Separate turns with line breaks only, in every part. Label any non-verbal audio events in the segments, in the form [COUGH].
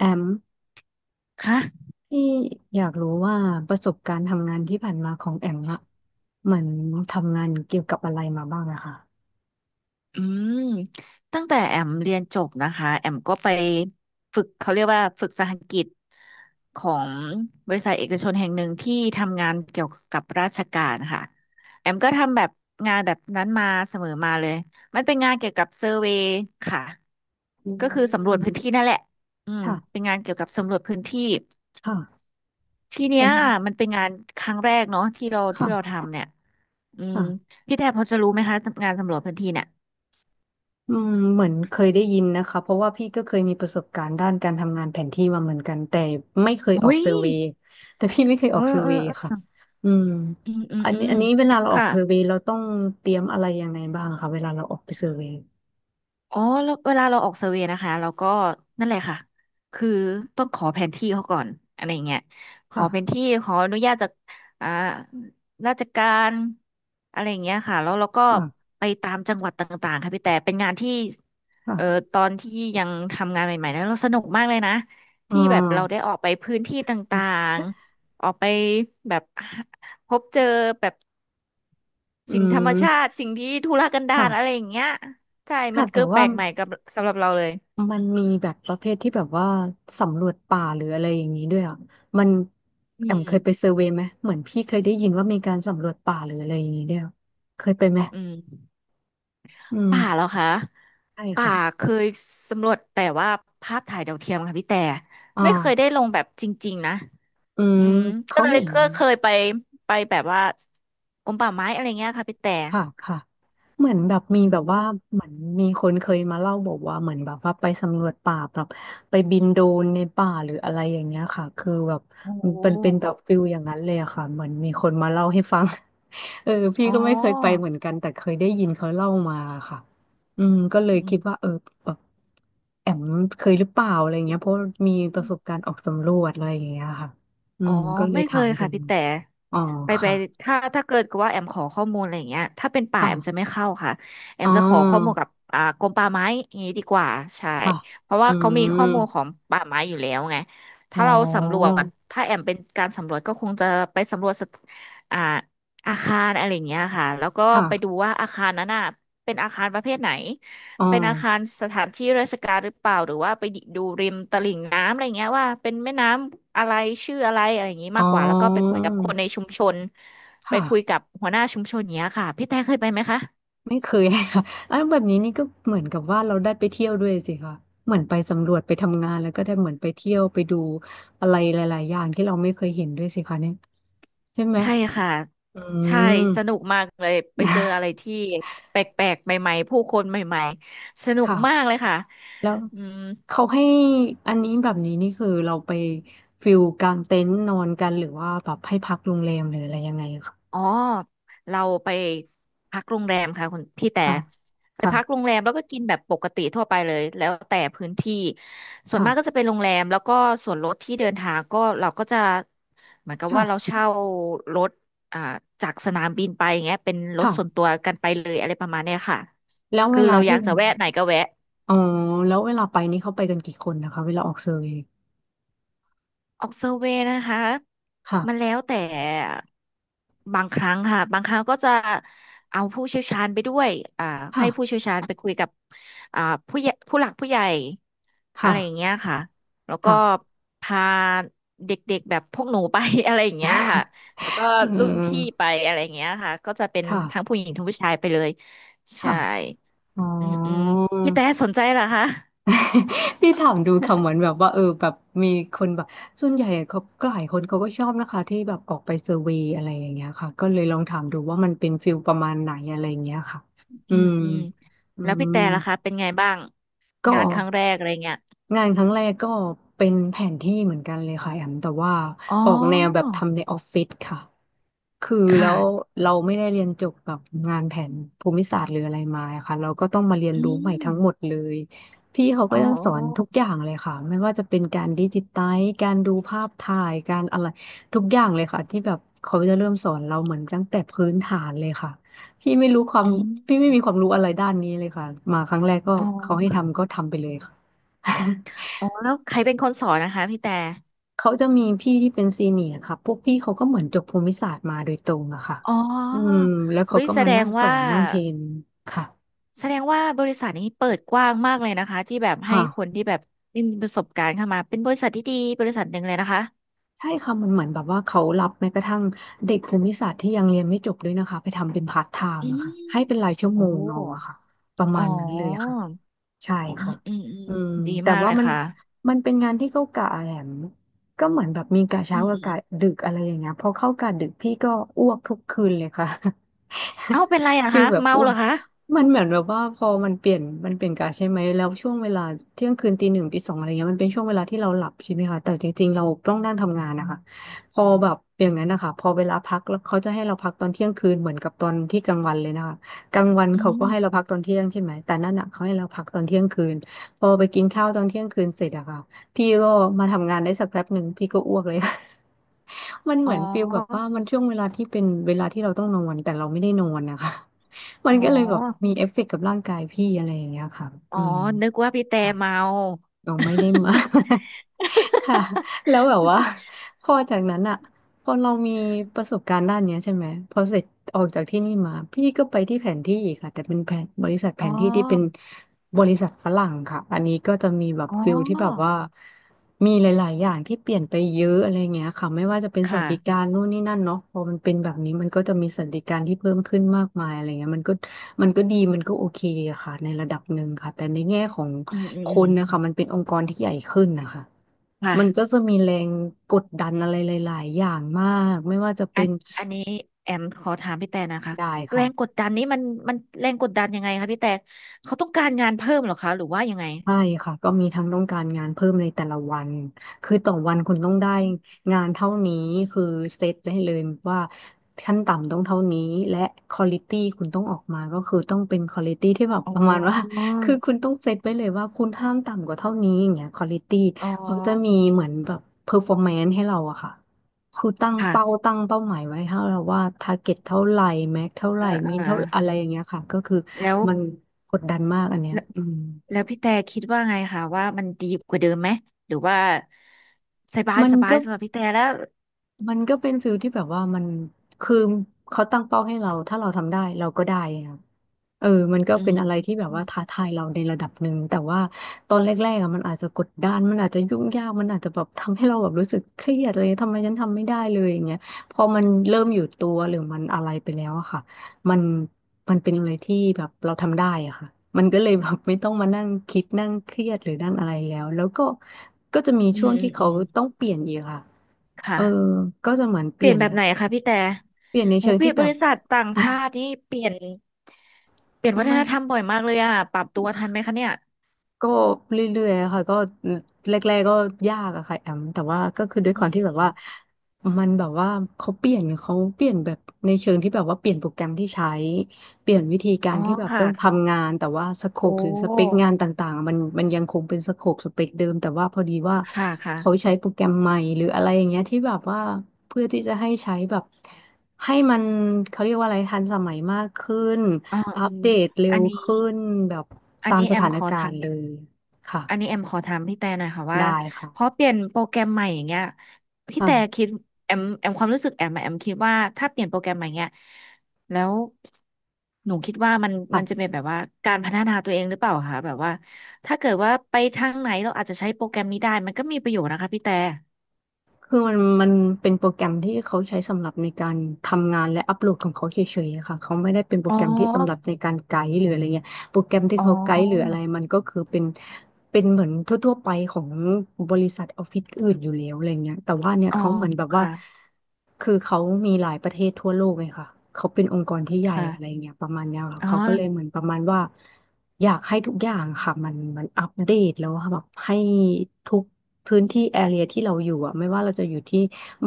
แอม
ค่ะ
พี่อยากรู้ว่าประสบการณ์ทำงานที่ผ่านมาของแอมอะเหมือนทำงานเกี่ยวกับอะไรมาบ้างอะค่ะ
อืมตั้งแต่แอมเรียนจบนะคะแอมก็ไปฝึกเขาเรียกว่าฝึกสหกิจของบริษัทเอกชนแห่งหนึ่งที่ทำงานเกี่ยวกับราชการค่ะแอมก็ทำแบบงานแบบนั้นมาเสมอมาเลยมันเป็นงานเกี่ยวกับเซอร์เวย์ค่ะ
อื
ก็คือสำรวจ
ม
พื้นที่นั่นแหละอืมเป็น
ค่ะ
งานเกี่ยวกับสำรวจพื้นที่
ค่ะ
ทีเนี้
ส
ยมันเป็นงานครั้งแรกเนาะที่เรา
ำ
ที่เรา
ค่ะ
ทำเนี่ยอืม
ค่ะ
พี่แทบพอจะรู้ไหมคะงานสำรวจพื้นที่เนี่ย
เหมือนเคยได้ยินนะคะเพราะว่าพี่ก็เคยมีประสบการณ์ด้านการทำงานแผนที่มาเหมือนกันแต่ไม่เคยออ
อุ้
ก
ย
เซอร์เวย์แต่พี่ไม่เคย
เอ
ออ
อ
กเซอร์
เอ
เว
อ
ย์
เอ
ค่ะ
อ
อืม
อืมอืม
อัน
อื
นี้
ม
อันนี้เวลาเราออก
ค่ะ
เซอร์เวย์เราต้องเตรียมอะไรยังไงบ้างคะเวลาเราออกไปเซอร์เวย์
อ๋อแล้วเวลาเราออกเซอร์เวย์นะคะเราก็นั่นแหละค่ะคือต้องขอแผนที่เขาก่อนอะไรอย่างเงี้ยขอ
ค่ะ
แผนที่ขออนุญาตจากอ่าราชการอะไรอย่างเงี้ยค่ะแล้วเราก็
ค่ะ
ไปตามจังหวัดต่างๆค่ะพี่แต่เป็นงานที่เอ่อ
ค่ะ
ตอนที่ยังทำงานใหม่ๆนะเราสนุกมากเลยนะ
อ่
ที่แบบเราได้
า
ออกไปพื้นที่ต่างๆออกไปแบบพบเจอแบบ
อื
สิ่งธรรมชา
ม
ติสิ่งที่ทุรกันดารอะไร
ค่ะ
อย่างเงี้ยใช่
ค่ะ
มัน
แต่
คือแป
ว่า
ลกใหม่กับสำหรับเราเลย
มันมีแบบประเภทที่แบบว่าสำรวจป่าหรืออะไรอย่างนี้ด้วยอ่ะมัน
อื
แอมเค
ม
ยไปเซอร์เวย์ไหมเหมือนพี่เคยได้ยินว่ามีการสำรวจป่าหรืออะไรอย่างนี้ด้วยอะเคยไปไหม
อืม
อืม
ป่าเหรอคะ
ใช่
ป่า
ค่ะ
เคยสำรวจแต่ว่าภาพถ่ายดาวเทียมค่ะพี่แต่
อ่
ไม่เคยได้
า
ลงแบบจริงๆนะ
อื
อื
ม
มก็
เขา
เลย
เห็น
ก็เคยไปไปแบบว่ากรมป่าไม้อะไรเงี้ยค่ะพี่แต่
ค่ะค่ะเหมือนแบบ
อื
มี
ม
แบบว่าเหมือนมีคนเคยมาเล่าบอกว่าเหมือนแบบว่าไปสำรวจป่าแบบไปบินโดรนในป่าหรืออะไรอย่างเงี้ยค่ะคือแบบ
โอ
มันเป็น
้
แบบฟิลอย่างนั้นเลยอะค่ะเหมือนมีคนมาเล่าให้ฟัง [LAUGHS] เออพี่
อ๋อ
ก็ไม่เคยไปเหมือนกันแต่เคยได้ยินเขาเล่ามาค่ะอืมก็เลย
อื
คิด
ม
ว่าเออแบบแอมเคยหรือเปล่าอะไรเงี้ยเพราะมีประสบการณ์ออกสำรวจอะไรอย่างเงี้ยค่ะอื
อ๋อ
มก็เล
ไม่
ย
เค
ถา
ย
มดู
ค่ะพี่แต่
อ๋อ
ไปไป
ค่ะ
ถ้าเกิดกับว่าแอมขอข้อมูลอะไรอย่างเงี้ยถ้าเป็นป่าแอมจะ
ค่ะ
ไม่เข้าค่ะแอ
อ๋
ม
อ
จะขอข้อมูลกับกรมป่าไม้อย่างงี้ดีกว่าใช่
ค่ะ
เพราะ
อื
ว่าเขามี
ม
ข้อมูลของป่าไม้อยู่แล้วไง
อ๋
ถ้า
อ
เราสำรวจถ้าแอมเป็นการสำรวจก็คงจะไปสำรวจสถอ่าอาคารอะไรอย่างเงี้ยค่ะแล้วก็
ค่ะ
ไปดูว่าอาคารนั้นน่ะเป็นอาคารประเภทไหน
อ๋อ
เป็นอาคารสถานที่ราชการหรือเปล่าหรือว่าไปดูริมตลิ่งน้ำอะไรเงี้ยว่าเป็นแม่น้ำอะไรชื่ออะไรอะไรอย่างงี้
อ๋อ
มากกว่าแล้วก็ไปคุยกับคนในชุมชนไปคุย
ค่ะ
กับหัวหน้าชุมชนเนี้ยค่ะพี่แต่เคยไปไหมคะ
ไม่เคย [LAUGHS] ค่ะอันแบบนี้นี่ก็เหมือนกับว่าเราได้ไปเที่ยวด้วยสิคะเหมือนไปสำรวจไปทำงานแล้วก็ได้เหมือนไปเที่ยวไปดูอะไรหลายๆอย่างที่เราไม่เคยเห็นด้วยสิคะเนี่ยใช่ไหม
ใช่ค่ะ
อื
ใช่
ม
สนุกมากเลยไปเจออะไร
[LAUGHS]
ที่แปลกๆใหม่ๆผู้คนใหม่ๆสนุก
ค่ะ
มากเลยค่ะ
แล้ว
อืม
เขาให้อันนี้แบบนี้นี่คือเราไปฟิลกางเต็นท์นอนกันหรือว่าแบบให้พักโรงแรมหรืออะไรยังไงคะ
อ๋อ เราไปพักโรงแรมค่ะคุณพี่แต่
ค่ะ
ไปพักโร
ค่ะ
งแรมแล้วก็กินแบบปกติทั่วไปเลยแล้วแต่พื้นที่ส่วน
ค่ะ
มากก็จะเป็นโรงแรมแล้วก็ส่วนรถที่เดินทางก็เราก็จะเหมือนกับ
ค่
ว่าเรา
ะ
เช่ารถอ่าจากสนามบินไปอย่างเงี้ยเป็นรถ
ค่ะ
ส่วนตัวกันไปเลยอะไรประมาณเนี้ยค่ะ
แล้วเว
คือ
ลา
เราอ
ที่
ยากจะแวะไหนก็แวะ
อ๋อแล้วเวลาไปนี่เขาไปกันกี่คนนะคะเวลาออกเซอร์เวย์
ออกเซอร์เวย์นะคะมัน
ค่ะ
แล้วแต่บางครั้งค่ะบางครั้งก็จะเอาผู้เชี่ยวชาญไปด้วยอ่า
ค่ะ
ให้ผู้เชี่ยวชาญไปคุยกับอ่าผู้ใหญ่ผู้หลักผู้ใหญ่อะ
ค่ะ
ไรอย่างเงี้ยค่ะแล้วก็
ค่ะ
พาเด็กๆแบบพวกหนูไป [LAUGHS] อะไรอย่างเงี้ยค่ะ
[LAUGHS]
แล้วก็
อื
รุ่นพี่
ม
ไปอะไรอย่างเงี้ยค่ะก็จะเป็น
ค่ะ
ทั้งผู้หญิงทั้งผู้ชายไปเลยใช่
ค่ะ อ๋อ
อืมอืมพี่แต่สนใจเหรอคะ
[LAUGHS] พี่ถามดูคำเหมือนแบบว่าเออแบบมีคนแบบส่วนใหญ่เขาหลายคนเขาก็ชอบนะคะที่แบบออกไปเซอร์เวย์อะไรอย่างเงี้ยค่ะก็เลยลองถามดูว่ามันเป็นฟิลประมาณไหนอะไรอย่างเงี้ยค่ะ
อ
อื
ืม
ม
อืม
อื
แล้วพี่
ม
แต่ล่ะคะเป็นไงบ้าง
ก็
งานครั้งแรกอะไรเงี้ย
งานครั้งแรกก็เป็นแผนที่เหมือนกันเลยค่ะแอมแต่ว่า
อ๋อ
ออกแนวแบบทำในออฟฟิศค่ะคือแล้
ค่ะ
วเราไม่ได้เรียนจบแบบงานแผนภูมิศาสตร์หรืออะไรมาอะค่ะเราก็ต้องมาเรียน
อื
รู้ใหม่
ม
ทั้งหมดเลยพี่เขา
อ๋
ก็จะสอนทุก
อ
อย่างเลยค่ะไม่ว่าจะเป็นการดิจิไตล์การดูภาพถ่ายการอะไรทุกอย่างเลยค่ะที่แบบเขาจะเริ่มสอนเราเหมือนตั้งแต่พื้นฐานเลยค่ะ พี่ไม่รู้ความ
อื
พี่
ม
ไม่มีความรู้อะไรด้านนี้เลยค่ะมาครั้งแรกก็
อ๋
เขาให้
อ
ทำก็ทำไปเลยค่ะ [LAUGHS]
อ๋อแล้วใครเป็นคนสอนนะคะพี่แต่
เขาจะมีพี่ที่เป็นซีเนียร์ค่ะพวกพี่เขาก็เหมือนจบภูมิศาสตร์มาโดยตรงอะค่ะ
อ๋
อืม
อ
แล้วเขา
อุ้ย
ก็
แส
มา
ด
นั่
ง
งสอ
ว่า
นนั่งเทรนค่ะ
แสดงว่าบริษัทนี้เปิดกว้างมากเลยนะคะที่แบบให้คน
ค่ะ
ที่แบบไม่มีประสบการณ์เข้ามาเป็นบริษัทที่ดีบริษัทหนึ่งเลยนะคะ
ใช่ค่ะมันเหมือนแบบว่าเขารับแม้กระทั่งเด็กภูมิศาสตร์ที่ยังเรียนไม่จบด้วยนะคะไปทำเป็นพาร์ทไท
อื
ม์อะค่ะ
ม
ให้เป็นรายชั่ว
โอ้
โมงเอาอะค่ะประ
อ๋
มา
อ
ณนั้นเลยค่ะ ใช่
อืม
ค่ะ
อืมอืม
อืม
ดี
แต่
มากเล
ว่า
ย
มัน
ค่ะ
มันเป็นงานที่เขากะแหลมก็เหมือนแบบมีกะ
อื
เช้ากั
ม
บกะดึกอะไรอย่างเงี้ยพอเข้ากะดึกพี่ก็อ้วกทุกคืนเลยค่ะ [LAUGHS]
เอ้าเป็นไรอะ
ฟี
คะ
ลแบบ
เมา
อ้ว
เหร
ก
อคะ
มันเหมือนแบบว่าพอมันเปลี่ยนกะใช่ไหมแล้วช่วงเวลาเที่ยงคืนตีหนึ่งตีสองอะไรเงี้ยมันเป็นช่วงเวลาที่เราหลับใช่ไหมคะแต่จริงๆเราต้องนั่งทำงานนะคะพอแบบอย่างนั้นนะคะพอเวลาพักแล้วเขาจะให้เราพักตอนเที่ยงคืนเหมือนกับตอนที่กลางวันเลยนะคะ กลางวัน
อื
เขาก็ให้เรา
ม
พักตอนเที่ยงใช่ไหมแต่นั่นอ่ะเขาให้เราพักตอนเที่ยงคืนพอไปกินข้าวตอนเที่ยงคืนเสร็จอะค่ะพี่ก็มาทำงานได้สักแป๊บหนึ่งพี่ก็อ้วกเลย [LAUGHS] มันเห
อ๋
มือนฟีลแบบว่า
อ
มันช่วงเวลาที่เป็นเวลาที่เราต้องนอนแต่เราไม่ได้นอนนะคะ [LAUGHS] มั
อ๋
น
อ
ก็เลยแบบมีเอฟเฟกต์กับร่างกายพี่อะไรอย่างเงี้ยค่ะ
อ๋
อื
อ
ม
นึกว่าพี่แต่
ค่ะ
เมา
เราไม่ได้มา [LAUGHS] ค่ะ
[LAUGHS]
แล้วแบบว่าพอจากนั้นอะพอเรามีประสบการณ์ด้านเนี้ยใช่ไหมพอเสร็จออกจากที่นี่มาพี่ก็ไปที่แผนที่อีกค่ะแต่เป็นแผนบริษัทแผ
อ๋
นที่ที่เป็น
อ
บริษัทฝรั่งค่ะอันนี้ก็จะมีแบบ
อ๋อ
ฟิลที่แบบว่ามีหลายๆ อย่างที่เปลี่ยนไปเยอะอะไรเงี้ยค่ะไม่ว่าจะเป็นสวัส
ค่ะ
ดิการนู่นนี่นั่นเนาะพอมันเป็นแบบนี้มันก็จะมีสวัสดิการที่เพิ่มขึ้นมากมายอะไรเงี้ยมันก็ดีมันก็โอเคอะค่ะในระดับหนึ่งค่ะแต่ในแง่ของ
อืมอืม
ค
อืม
นนะคะมันเป็นองค์กรที่ใหญ่ขึ้นนะคะมันก็
ค่ะ
จะมีแรงกดดันอะไรหลายๆอย่างมากไม่ว่าจะ
อั
เป็
น
น
อันนี้แอมขอถามพี่แต่นะคะ
ได้
แร
ค่ะ
งกดดันนี้มันแรงกดดันยังไงคะพี่แต่เขาต้องการงานเพิ่มเหรอคะหรือว่ายังไง
ใช่ค่ะก็มีทั้งต้องการงานเพิ่มในแต่ละวันคือต่อวันคุณต้องได้งานเท่านี้คือเซตได้เลยว่าขั้นต่ำต้องเท่านี้และควอลิตี้คุณต้องออกมาก็คือต้องเป็นควอลิตี้ที่แบบ
อ๋
ประมาณว่า
อ
[LAUGHS] คือคุณต้องเซตไว้เลยว่าคุณห้ามต่ำกว่าเท่านี้อย่างเงี้ยควอลิตี้
อ๋อ
เขาจะมีเหมือนแบบเพอร์ฟอร์แมนซ์ให้เราอะค่ะคือตั้งเป้า
ค่ะ
ตั้งเป้าหมายไว้ให้เราว่าทาร์เก็ตเท่าไหร่แม็กเท่าไหร่
อ่าอ่า
มี
อ่า
เท่าอะไรอย่างเงี้ยค่ะก็คือ
แล้ว
มันกดดันมากอันเนี้ยอืม
แล้วพี่แต่คิดว่าไงคะว่ามันดีกว่าเดิมไหมหรือว่าสบาย
มัน
สบาย
ก็
สำหรับพี่แต่แล้ว
มันก็เป็นฟิลที่แบบว่ามันคือเขาตั้งเป้าให้เราถ้าเราทำได้เราก็ได้ครเออมันก็
อื
เป็น
ม
อะไรที่แบ
อื
บ
ม
ว่าท้าทายเราในระดับหนึ่งแต่ว่าตอนแรกๆอะมันอาจจะกดดันมันอาจจะยุ่งยากมันอาจจะแบบทำให้เราแบบรู้สึกเครียดเลยทำไมฉันทำไม่ได้เลยอย่างเงี้ยพอมันเริ่มอยู่ตัวหรือมันอะไรไปแล้วอะค่ะมันมันเป็นอะไรที่แบบเราทำได้อะค่ะมันก็เลยแบบไม่ต้องมานั่งคิดนั่งเครียดหรือนั่งอะไรแล้วก็ก็จะมี
อื
ช่
ม
วง
อื
ที่
มอื
เขา
ม
ต้องเปลี่ยนอีกค่ะ เออ
ค่ะ
ก็จะเหมือนเป
เปลี่
ลี่
ยน
ยน
แบบ
แบ
ไห
บ
นคะพี่แต่
เปลี่ยนใน
โห
เชิง
เปลี่
ที่
ยน
แบ
บ
บ
ริษัทต่างชา
[LAUGHS]
ตินี่เปลี่ยนเปลี่ยนวัฒ
ไม่
นธรรมบ่อยมากเลยอะปรับตัวทันไหมคะเนี่ย
ก็เรื่อยๆค่ะก็แรกๆก็ยากอะค่ะแอมแต่ว่าก็คือด้วย
อื
ควา
ม
ม
อื
ที่แบบ
ม
ว่ามันแบบว่าเขาเปลี่ยนแบบในเชิงที่แบบว่าเปลี่ยนโปรแกรมที่ใช้เปลี่ยนวิธีกา
อ๋
ร
อ
ที่แบบต้
ค่ะ
องทำงานแต่ว่าสโค
โอ
ปหรือสเปค
้
งานต่างๆอะมันยังคงเป็นสโคปสเปคเดิมแต่ว่าพอดีว่า
ค่ะค่ะ
เขาใช้โปรแกรมใหม่หรืออะไรอย่างเงี้ยที่แบบว่าเพื่อที่จะให้ใช้แบบให้มันเขาเรียกว่าอะไรทันสมัยมากขึ้น
อ๋อ
อั
อื
ป
ม
เดตเร็
อั
ว
นนี้
ขึ้นแบบ
อัน
ตาม
นี้
ส
แอม
ถาน
ขอ
การ
ถาม
ณ์เลยค่ะ
อันนี้แอมขอถามพี่แต่หน่อยค่ะว่า
ได้
พอ
ค่ะ
เปลี่ยนโปรแกรมใหม่อย่างเงี้ยพี่แต่
ค่ะ
คิดแอมแอมความรู้สึกแอมอะแอมคิดว่าถ้าเปลี่ยนโปรแกรมใหม่เงี้ยแล้วหนูคิดว่ามันจะ
ค่ะ
เป็นแบบว่าการพัฒนาตัวเองหรือเปล่าคะแบบว่าถ้าเกิดว่าไปทางไหนเราอาจจะใช้โปรแกรมนี้ได้มันก็มีประโยชน์นะคะพี่แต่
คือมันเป็นโปรแกรมที่เขาใช้สำหรับในการทำงานและอัปโหลดของเขาเฉยๆอะค่ะเขาไม่ได้เป็นโปร
อ๋อ
แกรมที่สำหรับในการไกด์หรืออะไรเงี้ย โปรแกรมที่
อ๋
เขาไกด์หรืออะ
อ
ไรมันก็คือเป็นเหมือนทั่วๆไปของบริษัทออฟฟิศอื่นอยู่แล้วอะไรเงี้ยแต่ว่าเนี่ย
อ๋อ
เขาเหมือนแบบว่า
ค่ะ
คือเขามีหลายประเทศทั่วโลกเลยค่ะเขาเป็นองค์กรที่ใหญ่
ค่ะ
อะไรเงี้ยประมาณเนี้ยค่ะ
อ๋อ
เขาก็เลยเหมือนประมาณว่าอยากให้ทุกอย่างค่ะมันอัปเดตแล้วอะแบบให้ทุกพื้นที่แอเรียที่เราอยู่อ่ะไม่ว่าเราจะอยู่ที่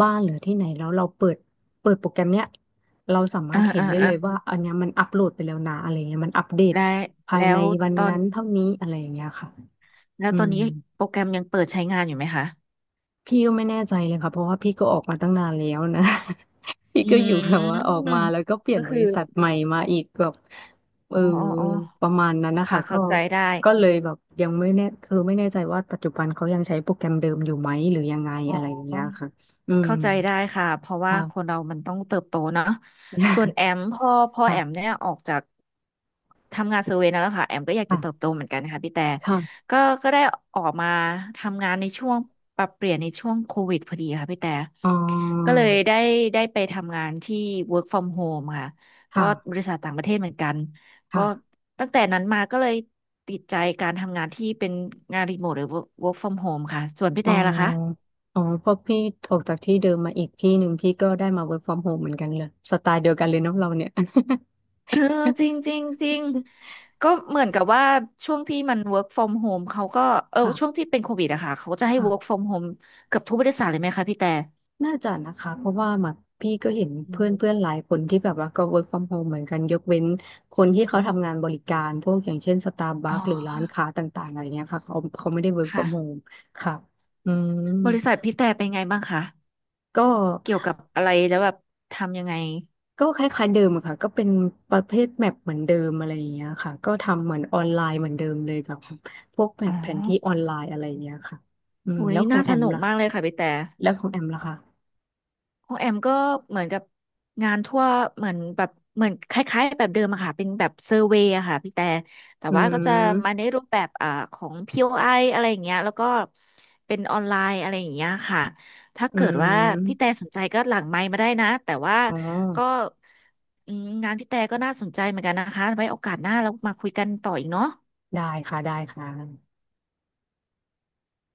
บ้านหรือที่ไหนแล้วเราเปิดโปรแกรมเนี้ย เราสามา
อ่า
รถเห็น
อ่า
ได้เล
อ่า
ยว่าอันเนี้ยมันอัปโหลดไปแล้วนะอะไรเงี้ยมันอัปเดต
แล้ว
ภาย
แล้
ใน
ว
วัน
ตอน
นั้นเท่านี้อะไรอย่างเงี้ยค่ะ
แล้ว
อื
ตอน
ม
นี้โปรแกรมยังเปิดใช้งานอยู่ไหมคะ
พี่ก็ไม่แน่ใจเลยค่ะเพราะว่าพี่ก็ออกมาตั้งนานแล้วนะ [LAUGHS] พี่
อื
ก็อยู่แบบว่าออก
ม
มาแล้วก็เปลี่ยน
ก็
บ
คือ
ริษัทใหม่มาอีกแบบเอ
อ๋
อ
ออ๋ออ๋อ
ประมาณนั้นนะ
ค่ะ
คะก็
เข้าใจได้
ก็เลยแบบยังไม่แน่คือไม่แน่ใจว่าปัจจุบันเขายังใช้โปรแกรมเดิมอยู่ไหมหรือยังไง
อ๋อ
อะไรอย่างเงี้ยค่ะอืม
เข้าใจได้ค่ะเพราะว่า
ค่ะ
คนเรามันต้องเติบโตเนาะส่วน
[LAUGHS]
แอมพ่อ
ค่ะ
แอมเนี่ยออกจากทำงานเซอร์เวย์นั่นแหล้วค่ะแอมก็อยากจะ
ค่ะ
เติบโตเหมือนกันค่ะพี่แต่
ค่ะ
ก็ก็ได้ออกมาทำงานในช่วงปรับเปลี่ยนในช่วงโควิดพอดีค่ะพี่แต่
อ๋อ
ก็เลยได้ไปทำงานที่ work from home ค่ะก็
ค่ะ
บริษัทต่างประเทศเหมือนกันก็
ค่ะ
ตั้งแต่นั้นมาก็เลยติดใจการทำงานที่เป็นงานรีโมทหรือ work from home ค่ะส่วนพี่
อ๋อ
แต่ล่ะคะ
อ๋อเพราะพี่ออกจากที่เดิมมาอีกที่หนึ่งพี่ก็ได้มา work from home เหมือนกันเลย สไตล์เดียวกันเลยเนาะเราเนี่ย
เออจริง
[LAUGHS]
จริงจริงก็เหมือนกับว่าช่วงที่มัน work from home เขาก็เออช่วง
ค่ะ
ที่เป็นโควิดอะค่ะเขาก็จะให้ work
ค่ะ
from home เกือบทุกบริษัทเลยไหมคะพี่แต่
น่าจะนะคะ เพราะว่าแบบพี่ก็เห็น
อื
เพื่อน
ม
เพื่อนหลายคนที่แบบว่าก็ work from home เหมือนกันยกเว้นคนที่เขา
อ
ทำงานบริการพวกอย่างเช่นสตาร์บั
๋
คหรือ
อ
ร้านค้าต่างๆอะไรเงี้ยค่ะเขาไม่ได้ work
ค่ะ
from home ค่ะอืม
บริษัทพี่แต่เป็นไงบ้างคะ
ก็
เกี่ยวกับอะไรแล้วแบบทำยังไง
ก็คล้ายๆเดิมอะค่ะก็เป็นประเภทแมปเหมือนเดิมอะไรอย่างเงี้ยค่ะก็ทำเหมือนออนไลน์เหมือนเดิมเลยกับพวกแม
อ๋อ
ปแผนที่ออนไลน์อะไรอย่างเงี้ยค่ะอืม
โอ้ย
แล้วขอ
น่า
งแอ
ส
ม
นุกมากเล
ล่ะ
ยค่ะพี่แต่
แล้วของแอมล่ะคะ
ของแอมก็เหมือนกับงานทั่วเหมือนแบบเหมือนคล้ายๆแบบเดิมอะค่ะเป็นแบบเซอร์เวย์อะค่ะพี่แต่แต่
อื
ว่าก็จะมาใน
ม
รูปแบบของ POI อไออะไรอย่างเงี้ยแล้วก็เป็นออนไลน์อะไรอย่างเงี้ยค่ะถ้า
อื
เกิดว่าพี่แต่
ม
สนใจก็หลังไมค์มาได้นะแต่ว่า
อ๋อ
ก็อืมงานพี่แต่ก็น่าสนใจเหมือนกันนะคะไว้โอกาสหน้าเรามาคุยกันต่ออีกเนาะ
ได้ค่ะได้ค่ะ